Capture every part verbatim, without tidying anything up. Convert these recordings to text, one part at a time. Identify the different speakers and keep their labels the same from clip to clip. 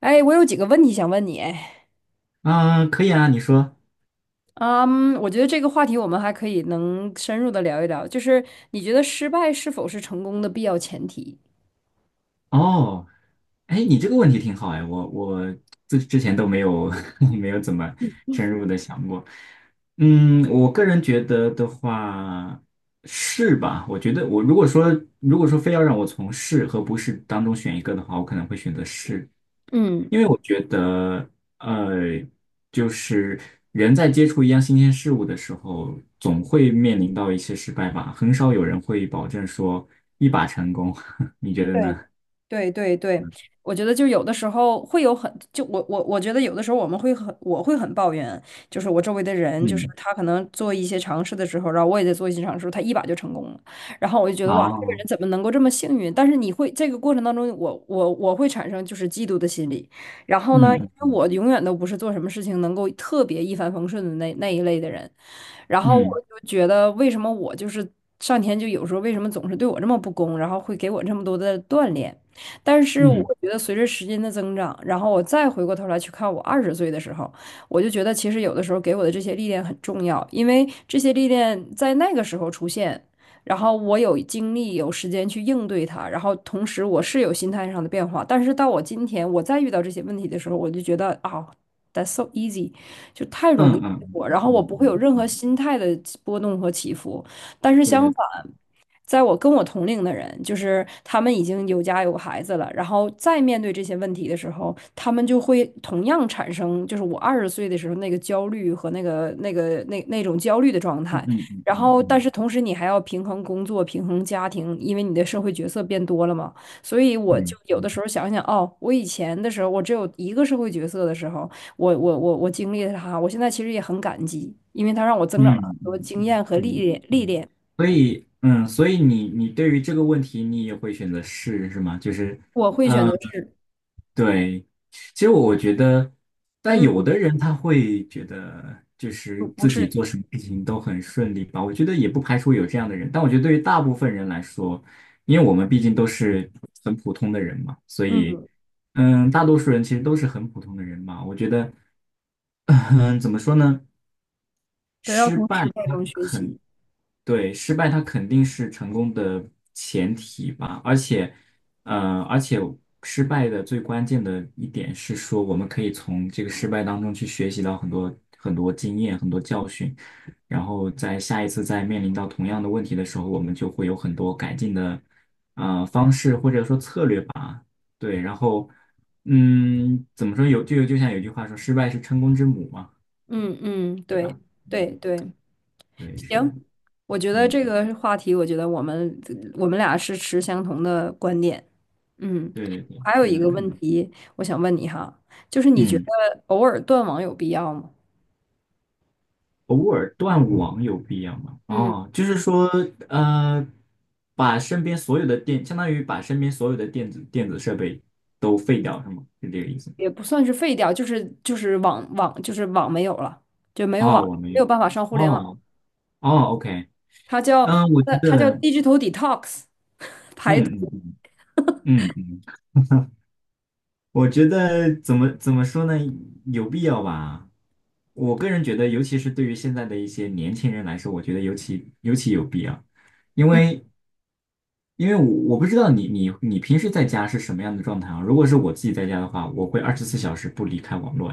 Speaker 1: 哎，我有几个问题想问你，哎，
Speaker 2: 啊，可以啊，你说。
Speaker 1: 嗯，我觉得这个话题我们还可以能深入的聊一聊，就是你觉得失败是否是成功的必要前提？
Speaker 2: 哦，哎，你这个问题挺好哎，我我之之前都没有 没有怎么深入的想过。嗯，我个人觉得的话是吧？我觉得我如果说如果说非要让我从是和不是当中选一个的话，我可能会选择是。
Speaker 1: 嗯，
Speaker 2: 因为我觉得，呃，就是人在接触一样新鲜事物的时候，总会面临到一些失败吧。很少有人会保证说一把成功，你觉得
Speaker 1: 对。
Speaker 2: 呢？
Speaker 1: 对对对，我觉得就有的时候会有很，就我我我觉得有的时候我们会很，我会很抱怨，就是我周围的人，就是
Speaker 2: 嗯，
Speaker 1: 他可能做一些尝试的时候，然后我也在做一些尝试，他一把就成功了，然后我就觉得哇，这个
Speaker 2: 哦，
Speaker 1: 人怎么能够这么幸运？但是你会这个过程当中，我我我会产生就是嫉妒的心理，然后呢，
Speaker 2: 嗯
Speaker 1: 因为我永远都不是做什么事情能够特别一帆风顺的那那一类的人，然后
Speaker 2: 嗯
Speaker 1: 我就觉得，为什么我就是上天就有时候为什么总是对我这么不公，然后会给我这么多的锻炼？但是我
Speaker 2: 嗯
Speaker 1: 觉得随着时间的增长，然后我再回过头来去看我二十岁的时候，我就觉得其实有的时候给我的这些历练很重要，因为这些历练在那个时候出现。然后我有精力、有时间去应对它，然后同时我是有心态上的变化。但是到我今天，我再遇到这些问题的时候，我就觉得啊、t h a t s so easy，就太容
Speaker 2: 嗯
Speaker 1: 易
Speaker 2: 嗯嗯
Speaker 1: 我，然
Speaker 2: 嗯
Speaker 1: 后我
Speaker 2: 嗯
Speaker 1: 不会有
Speaker 2: 嗯，
Speaker 1: 任何
Speaker 2: 嗯
Speaker 1: 心态的波动和起伏。但是
Speaker 2: 对
Speaker 1: 相
Speaker 2: 对，
Speaker 1: 反，在我跟我同龄的人，就是他们已经有家有孩子了，然后再面对这些问题的时候，他们就会同样产生，就是我二十岁的时候那个焦虑和那个那个那那种焦虑的状
Speaker 2: 嗯
Speaker 1: 态。
Speaker 2: 嗯
Speaker 1: 然
Speaker 2: 嗯
Speaker 1: 后，但
Speaker 2: 嗯
Speaker 1: 是同时你还要平衡工作、平衡家庭，因为你的社会角色变多了嘛。所以我就
Speaker 2: 嗯
Speaker 1: 有的
Speaker 2: 嗯
Speaker 1: 时候想想，哦，我以前的时候，我只有一个社会角色的时候，我我我我经历了它，我现在其实也很感激，因为它让我增长了很
Speaker 2: 嗯
Speaker 1: 多
Speaker 2: 嗯
Speaker 1: 经
Speaker 2: 嗯
Speaker 1: 验和历
Speaker 2: 嗯
Speaker 1: 练历
Speaker 2: 嗯，
Speaker 1: 练。
Speaker 2: 所以嗯，所以你你对于这个问题，你也会选择是是吗？就是。
Speaker 1: 我会选择
Speaker 2: 呃
Speaker 1: 是，
Speaker 2: 对，其实我觉得，但有
Speaker 1: 嗯，
Speaker 2: 的人他会觉得，就是
Speaker 1: 不不
Speaker 2: 自己
Speaker 1: 是，
Speaker 2: 做什么事情都很顺利吧。我觉得也不排除有这样的人，但我觉得对于大部分人来说，因为我们毕竟都是很普通的人嘛，所以，
Speaker 1: 嗯，
Speaker 2: 嗯，大多数人其实都是很普通的人嘛。我觉得，嗯，怎么说呢？
Speaker 1: 都要
Speaker 2: 失
Speaker 1: 从
Speaker 2: 败
Speaker 1: 失败
Speaker 2: 它
Speaker 1: 中学
Speaker 2: 很
Speaker 1: 习。
Speaker 2: 对，失败它肯定是成功的前提吧，而且，呃，而且失败的最关键的一点是说，我们可以从这个失败当中去学习到很多很多经验、很多教训，然后在下一次再面临到同样的问题的时候，我们就会有很多改进的呃方式或者说策略吧。对，然后，嗯，怎么说有就就像有句话说，失败是成功之母嘛，
Speaker 1: 嗯嗯，
Speaker 2: 对
Speaker 1: 对
Speaker 2: 吧？
Speaker 1: 对
Speaker 2: 嗯，
Speaker 1: 对，
Speaker 2: 对，是的，
Speaker 1: 行，我觉得
Speaker 2: 嗯，
Speaker 1: 这个话题，我觉得我们我们俩是持相同的观点。嗯，
Speaker 2: 对对对，
Speaker 1: 还有
Speaker 2: 是
Speaker 1: 一
Speaker 2: 的。
Speaker 1: 个问
Speaker 2: 嗯。
Speaker 1: 题，我想问你哈，就是你觉
Speaker 2: 嗯，
Speaker 1: 得偶尔断网有必要吗？
Speaker 2: 偶尔断网有必要吗？
Speaker 1: 嗯。
Speaker 2: 哦，就是说，呃，把身边所有的电，相当于把身边所有的电子电子设备都废掉，是吗？是这个意思吗？
Speaker 1: 也不算是废掉，就是就是网网就是网没有了，就没有网，
Speaker 2: 哦，我没
Speaker 1: 没
Speaker 2: 有。
Speaker 1: 有办法上互联网。
Speaker 2: 哦，哦，OK,
Speaker 1: 它叫
Speaker 2: 嗯，我
Speaker 1: 它
Speaker 2: 觉得，
Speaker 1: 它叫
Speaker 2: 嗯
Speaker 1: digital detox，
Speaker 2: 嗯嗯嗯嗯。我觉得怎么怎么说呢？有必要吧。我个人觉得，尤其是对于现在的一些年轻人来说，我觉得尤其尤其有必要，因
Speaker 1: 嗯，
Speaker 2: 为因为我我不知道你你你平时在家是什么样的状态啊？如果是我自己在家的话，我会二十四小时不离开网络，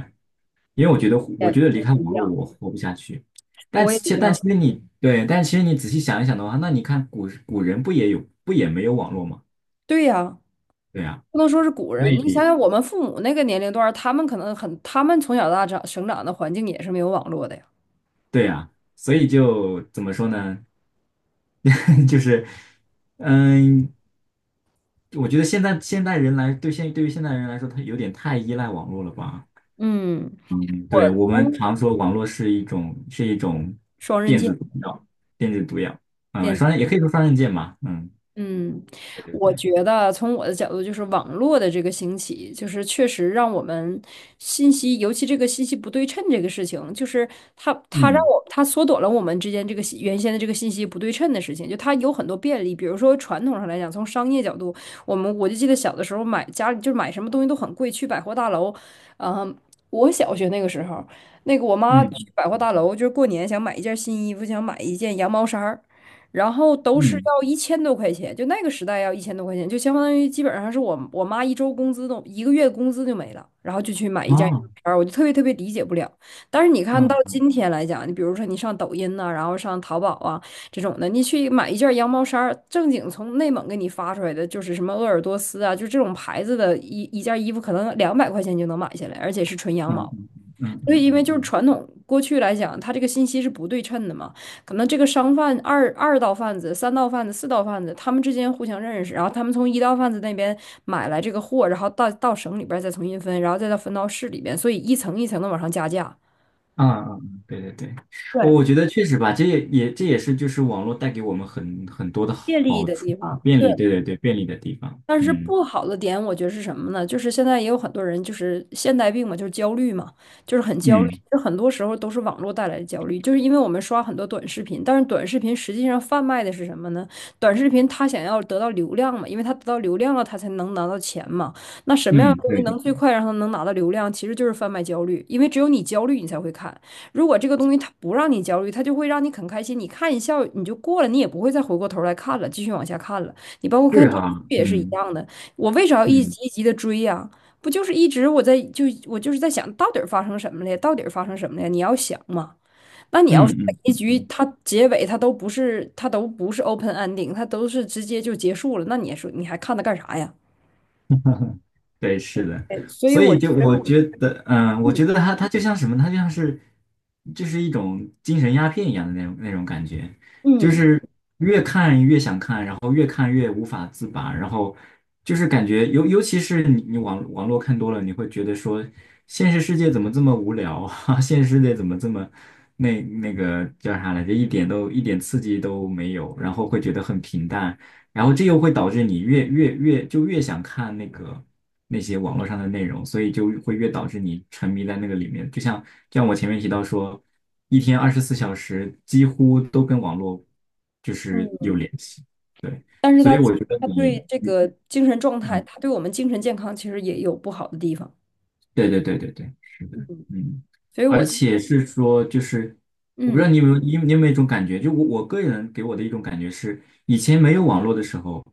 Speaker 2: 因为我觉得我
Speaker 1: 也
Speaker 2: 觉得离开
Speaker 1: 一
Speaker 2: 网络
Speaker 1: 样，
Speaker 2: 我活不下去。但
Speaker 1: 我也一
Speaker 2: 其但
Speaker 1: 样。
Speaker 2: 其实你对，但其实你仔细想一想的话，那你看古古人不也有不也没有网络吗？
Speaker 1: 对呀，
Speaker 2: 对啊。
Speaker 1: 不能说是古
Speaker 2: 所
Speaker 1: 人，你想
Speaker 2: 以
Speaker 1: 想我们父母那个年龄段儿他们可能很，他们从小到大长生长的环境也是没有网络的呀。
Speaker 2: 对呀，所以就怎么说呢？就是，嗯，我觉得现在现代人来，对现对于现代人来说，他有点太依赖网络了吧？
Speaker 1: 嗯，
Speaker 2: 嗯，对，
Speaker 1: 我
Speaker 2: 我们
Speaker 1: 从
Speaker 2: 常说网络是一种是一种
Speaker 1: 双刃
Speaker 2: 电
Speaker 1: 剑，
Speaker 2: 子毒药，电子毒药，嗯，
Speaker 1: 剑。
Speaker 2: 双刃也可以说双刃剑嘛，嗯，
Speaker 1: 嗯，
Speaker 2: 对对
Speaker 1: 我
Speaker 2: 对，
Speaker 1: 觉得从我的角度，就是网络的这个兴起，就是确实让我们信息，尤其这个信息不对称这个事情，就是它它让
Speaker 2: 嗯
Speaker 1: 我它缩短了我们之间这个信原先的这个信息不对称的事情，就它有很多便利。比如说传统上来讲，从商业角度，我们我就记得小的时候买家里就是买什么东西都很贵，去百货大楼，嗯，我小学那个时候，那个我妈
Speaker 2: 嗯
Speaker 1: 去百货大楼，就是过年想买一件新衣服，想买一件羊毛衫儿。然后都是
Speaker 2: 嗯，
Speaker 1: 要一千多块钱，就那个时代要一千多块钱，就相当于基本上是我我妈一周工资都一个月工资就没了，然后就去买一件衣
Speaker 2: 哦，
Speaker 1: 服，我就特别特别理解不了。但是你看到
Speaker 2: 嗯
Speaker 1: 今天来讲，你比如说你上抖音呐、然后上淘宝啊这种的，你去买一件羊毛衫儿，正经从内蒙给你发出来的，就是什么鄂尔多斯啊，就这种牌子的一一件衣服，可能两百块钱就能买下来，而且是纯羊
Speaker 2: 嗯
Speaker 1: 毛。
Speaker 2: 嗯嗯嗯嗯
Speaker 1: 所以，
Speaker 2: 嗯。
Speaker 1: 因为
Speaker 2: 嗯
Speaker 1: 就是
Speaker 2: 嗯
Speaker 1: 传统过去来讲，它这个信息是不对称的嘛，可能这个商贩二二道贩子、三道贩子、四道贩子，他们之间互相认识，然后他们从一道贩子那边买来这个货，然后到到省里边儿再重新分，然后再到分到市里边，所以一层一层的往上加价，
Speaker 2: 嗯嗯，嗯对对对，我
Speaker 1: 对，
Speaker 2: 我觉得确实吧，这也也这也是就是网络带给我们很很多的
Speaker 1: 借力
Speaker 2: 好
Speaker 1: 的
Speaker 2: 处
Speaker 1: 地
Speaker 2: 吧，
Speaker 1: 方。
Speaker 2: 便
Speaker 1: 对。
Speaker 2: 利，对对对，便利的地方，
Speaker 1: 但是
Speaker 2: 嗯
Speaker 1: 不好的点，我觉得是什么呢？就是现在也有很多人，就是现代病嘛，就是焦虑嘛，就是很焦虑。
Speaker 2: 嗯
Speaker 1: 就很多时候都是网络带来的焦虑，就是因为我们刷很多短视频，但是短视频实际上贩卖的是什么呢？短视频它想要得到流量嘛，因为它得到流量了，它才能拿到钱嘛。那什么样的
Speaker 2: 嗯，
Speaker 1: 东西
Speaker 2: 对
Speaker 1: 能
Speaker 2: 对，
Speaker 1: 最快让它能拿到流量？其实就是贩卖焦虑，因为只有你焦虑，你才会看。如果这个东西它不让你焦虑，它就会让你很开心，你看一笑你就过了，你也不会再回过头来看了，继续往下看了。你包括看
Speaker 2: 是
Speaker 1: 电视
Speaker 2: 哈，
Speaker 1: 剧也是一
Speaker 2: 嗯
Speaker 1: 样的，我为啥要一
Speaker 2: 嗯
Speaker 1: 集一集的追呀、不就是一直我在就我就是在想到底儿发生什么了呀，到底儿发生什么了呀？你要想嘛，那你要是
Speaker 2: 嗯
Speaker 1: 每
Speaker 2: 嗯
Speaker 1: 一
Speaker 2: 嗯
Speaker 1: 局
Speaker 2: 嗯，
Speaker 1: 它结尾它都不是它都不是 open ending，它都是直接就结束了，那你说你还看它干啥呀？
Speaker 2: 对，是的，
Speaker 1: 对，所以
Speaker 2: 所
Speaker 1: 我
Speaker 2: 以就我觉得，嗯，我
Speaker 1: 嗯
Speaker 2: 觉得它它就像什么，它就像是就是一种精神鸦片一样的那种那种感觉，就
Speaker 1: 嗯
Speaker 2: 是。然后越看越无法自拔，然后就是感觉尤尤其是你你网网络看多了，你会觉得说现实世界怎么这么无聊啊？现实世界怎么这么那那个叫啥来着？一点都一点刺激都没有，然后会觉得很平淡，然后这又会导致你越越越就越想看那个。那些网络上的内容，所以就会越导致你沉迷在那个里面。就像就像我前面提到说，一天二十四小时几乎都跟网络就是有
Speaker 1: 嗯，
Speaker 2: 联系。对，
Speaker 1: 但是
Speaker 2: 所
Speaker 1: 它
Speaker 2: 以我觉得
Speaker 1: 它
Speaker 2: 你，
Speaker 1: 对这
Speaker 2: 嗯
Speaker 1: 个精神状态，
Speaker 2: 嗯，
Speaker 1: 它对我们精神健康其实也有不好的地方，
Speaker 2: 对对对对对，是的，
Speaker 1: 嗯，
Speaker 2: 嗯，
Speaker 1: 所以
Speaker 2: 而
Speaker 1: 我就
Speaker 2: 且是说，就是我不知
Speaker 1: 嗯
Speaker 2: 道你有没有，你有你有没有一种感觉，就我我个人给我的一种感觉是，以前没有网络的时候，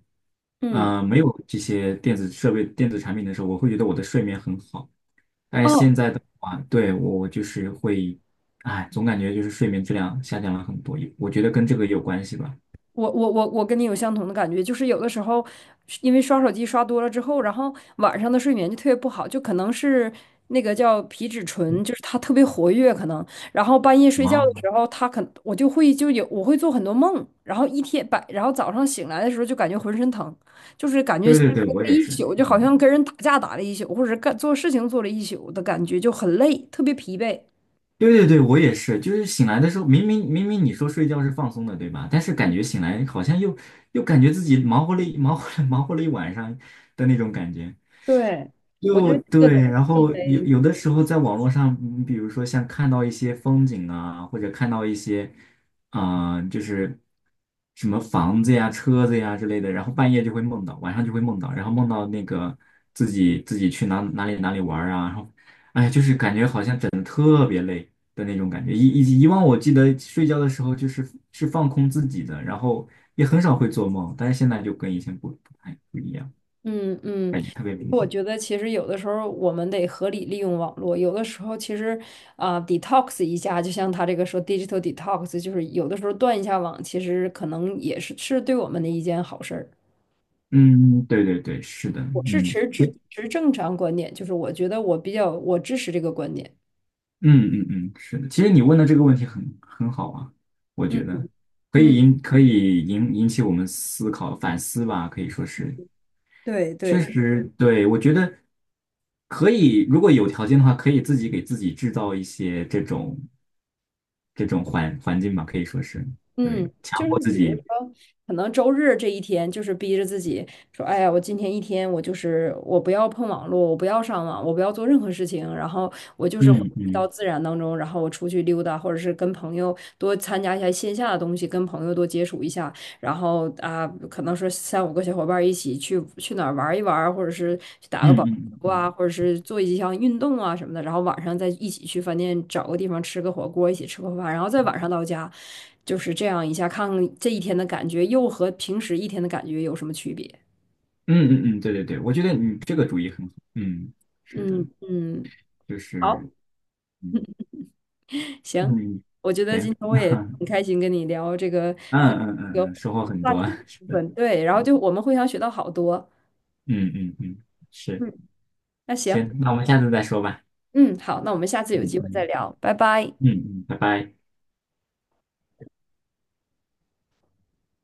Speaker 1: 嗯。
Speaker 2: 呃，没有这些电子设备、电子产品的时候，我会觉得我的睡眠很好，但是
Speaker 1: 哦，
Speaker 2: 现在的话，对，我我就是会，哎，总感觉就是睡眠质量下降了很多，我觉得跟这个也有关系吧。
Speaker 1: 我我我我跟你有相同的感觉，就是有的时候因为刷手机刷多了之后，然后晚上的睡眠就特别不好，就可能是那个叫皮质醇，就是它特别活跃，可能，然后半夜睡觉的
Speaker 2: 啊，
Speaker 1: 时候，它可我就会就有我会做很多梦，然后一天白，然后早上醒来的时候就感觉浑身疼，就是感觉
Speaker 2: 对对对，我也
Speaker 1: 一
Speaker 2: 是，
Speaker 1: 宿就好
Speaker 2: 嗯。
Speaker 1: 像跟人打架打了一宿，或者是干做事情做了一宿的感觉，就很累，特别疲惫。
Speaker 2: 对对对，我也是，就是醒来的时候，明明明明你说睡觉是放松的，对吧？但是感觉醒来好像又又感觉自己忙活了一忙活了 忙活了一晚上的那种感觉，
Speaker 1: 对，我觉
Speaker 2: 就
Speaker 1: 得这
Speaker 2: 对。
Speaker 1: 个
Speaker 2: 然
Speaker 1: 因
Speaker 2: 后有
Speaker 1: 为
Speaker 2: 有的时候在网络上，嗯比如说像看到一些风景啊，或者看到一些啊、呃就是什么房子呀、车子呀之类的，然后半夜就会梦到，晚上就会梦到，然后梦到那个自己自己去哪哪里哪里玩儿啊，然后哎，就是感觉好像。整。的那种感觉。以以及以往我记得睡觉的时候就是是放空自己的，然后也很少会做梦，但是现在就跟以前不不太不一样，
Speaker 1: 嗯嗯。
Speaker 2: 感觉特别明
Speaker 1: 我
Speaker 2: 显。
Speaker 1: 觉得其实有的时候我们得合理利用网络，有的时候其实啊、detox 一下，就像他这个说 digital detox，就是有的时候断一下网，其实可能也是是对我们的一件好事儿。
Speaker 2: 嗯，对对对，是的，
Speaker 1: 我是
Speaker 2: 嗯，
Speaker 1: 持
Speaker 2: 所
Speaker 1: 持
Speaker 2: 以
Speaker 1: 持正常观点，就是我觉得我比较我支持这个观点。
Speaker 2: 嗯嗯嗯，是的。其实你问的这个问题很很好啊，我
Speaker 1: 嗯
Speaker 2: 觉得可以
Speaker 1: 嗯，
Speaker 2: 引可以引引起我们思考反思吧，可以说是
Speaker 1: 对
Speaker 2: 确
Speaker 1: 对
Speaker 2: 实，对，我觉得可以，如果有条件的话，可以自己给自己制造一些这种这种环环境吧，可以说是
Speaker 1: 嗯，
Speaker 2: 对，
Speaker 1: 就
Speaker 2: 强
Speaker 1: 是
Speaker 2: 迫自
Speaker 1: 比如
Speaker 2: 己，
Speaker 1: 说，可能周日这一天，就是逼着自己说，哎呀，我今天一天，我就是我不要碰网络，我不要上网，我不要做任何事情，然后我就是回
Speaker 2: 嗯
Speaker 1: 到
Speaker 2: 嗯
Speaker 1: 自然当中，然后我出去溜达，或者是跟朋友多参加一下线下的东西，跟朋友多接触一下，然后啊，可能说三五个小伙伴儿一起去去哪儿玩一玩或者是去打个保。
Speaker 2: 嗯嗯嗯
Speaker 1: 啊，或者是做一项运动啊什么的，然后晚上再一起去饭店找个地方吃个火锅，一起吃个饭，然后再晚上到家，就是这样一下，看看这一天的感觉又和平时一天的感觉有什么区别。
Speaker 2: 嗯嗯嗯，对对对，我觉得你这个主意很好，嗯，是的，
Speaker 1: 嗯嗯，
Speaker 2: 就
Speaker 1: 好，
Speaker 2: 是嗯
Speaker 1: 行，
Speaker 2: 嗯，
Speaker 1: 我觉得今
Speaker 2: 行，
Speaker 1: 天 我也
Speaker 2: 嗯
Speaker 1: 很开心跟你聊这个跟
Speaker 2: 嗯
Speaker 1: 这
Speaker 2: 嗯
Speaker 1: 个
Speaker 2: 嗯，收获很
Speaker 1: 话
Speaker 2: 多，
Speaker 1: 题
Speaker 2: 是
Speaker 1: 部
Speaker 2: 的，
Speaker 1: 分，对，然后
Speaker 2: 嗯
Speaker 1: 就我们互相学到好多。
Speaker 2: 嗯嗯，嗯是，
Speaker 1: 嗯，那行，
Speaker 2: 行，那我们下次再说吧，
Speaker 1: 嗯，好，那我们下次有
Speaker 2: 嗯
Speaker 1: 机会再
Speaker 2: 嗯
Speaker 1: 聊，拜拜。
Speaker 2: 嗯嗯，拜拜。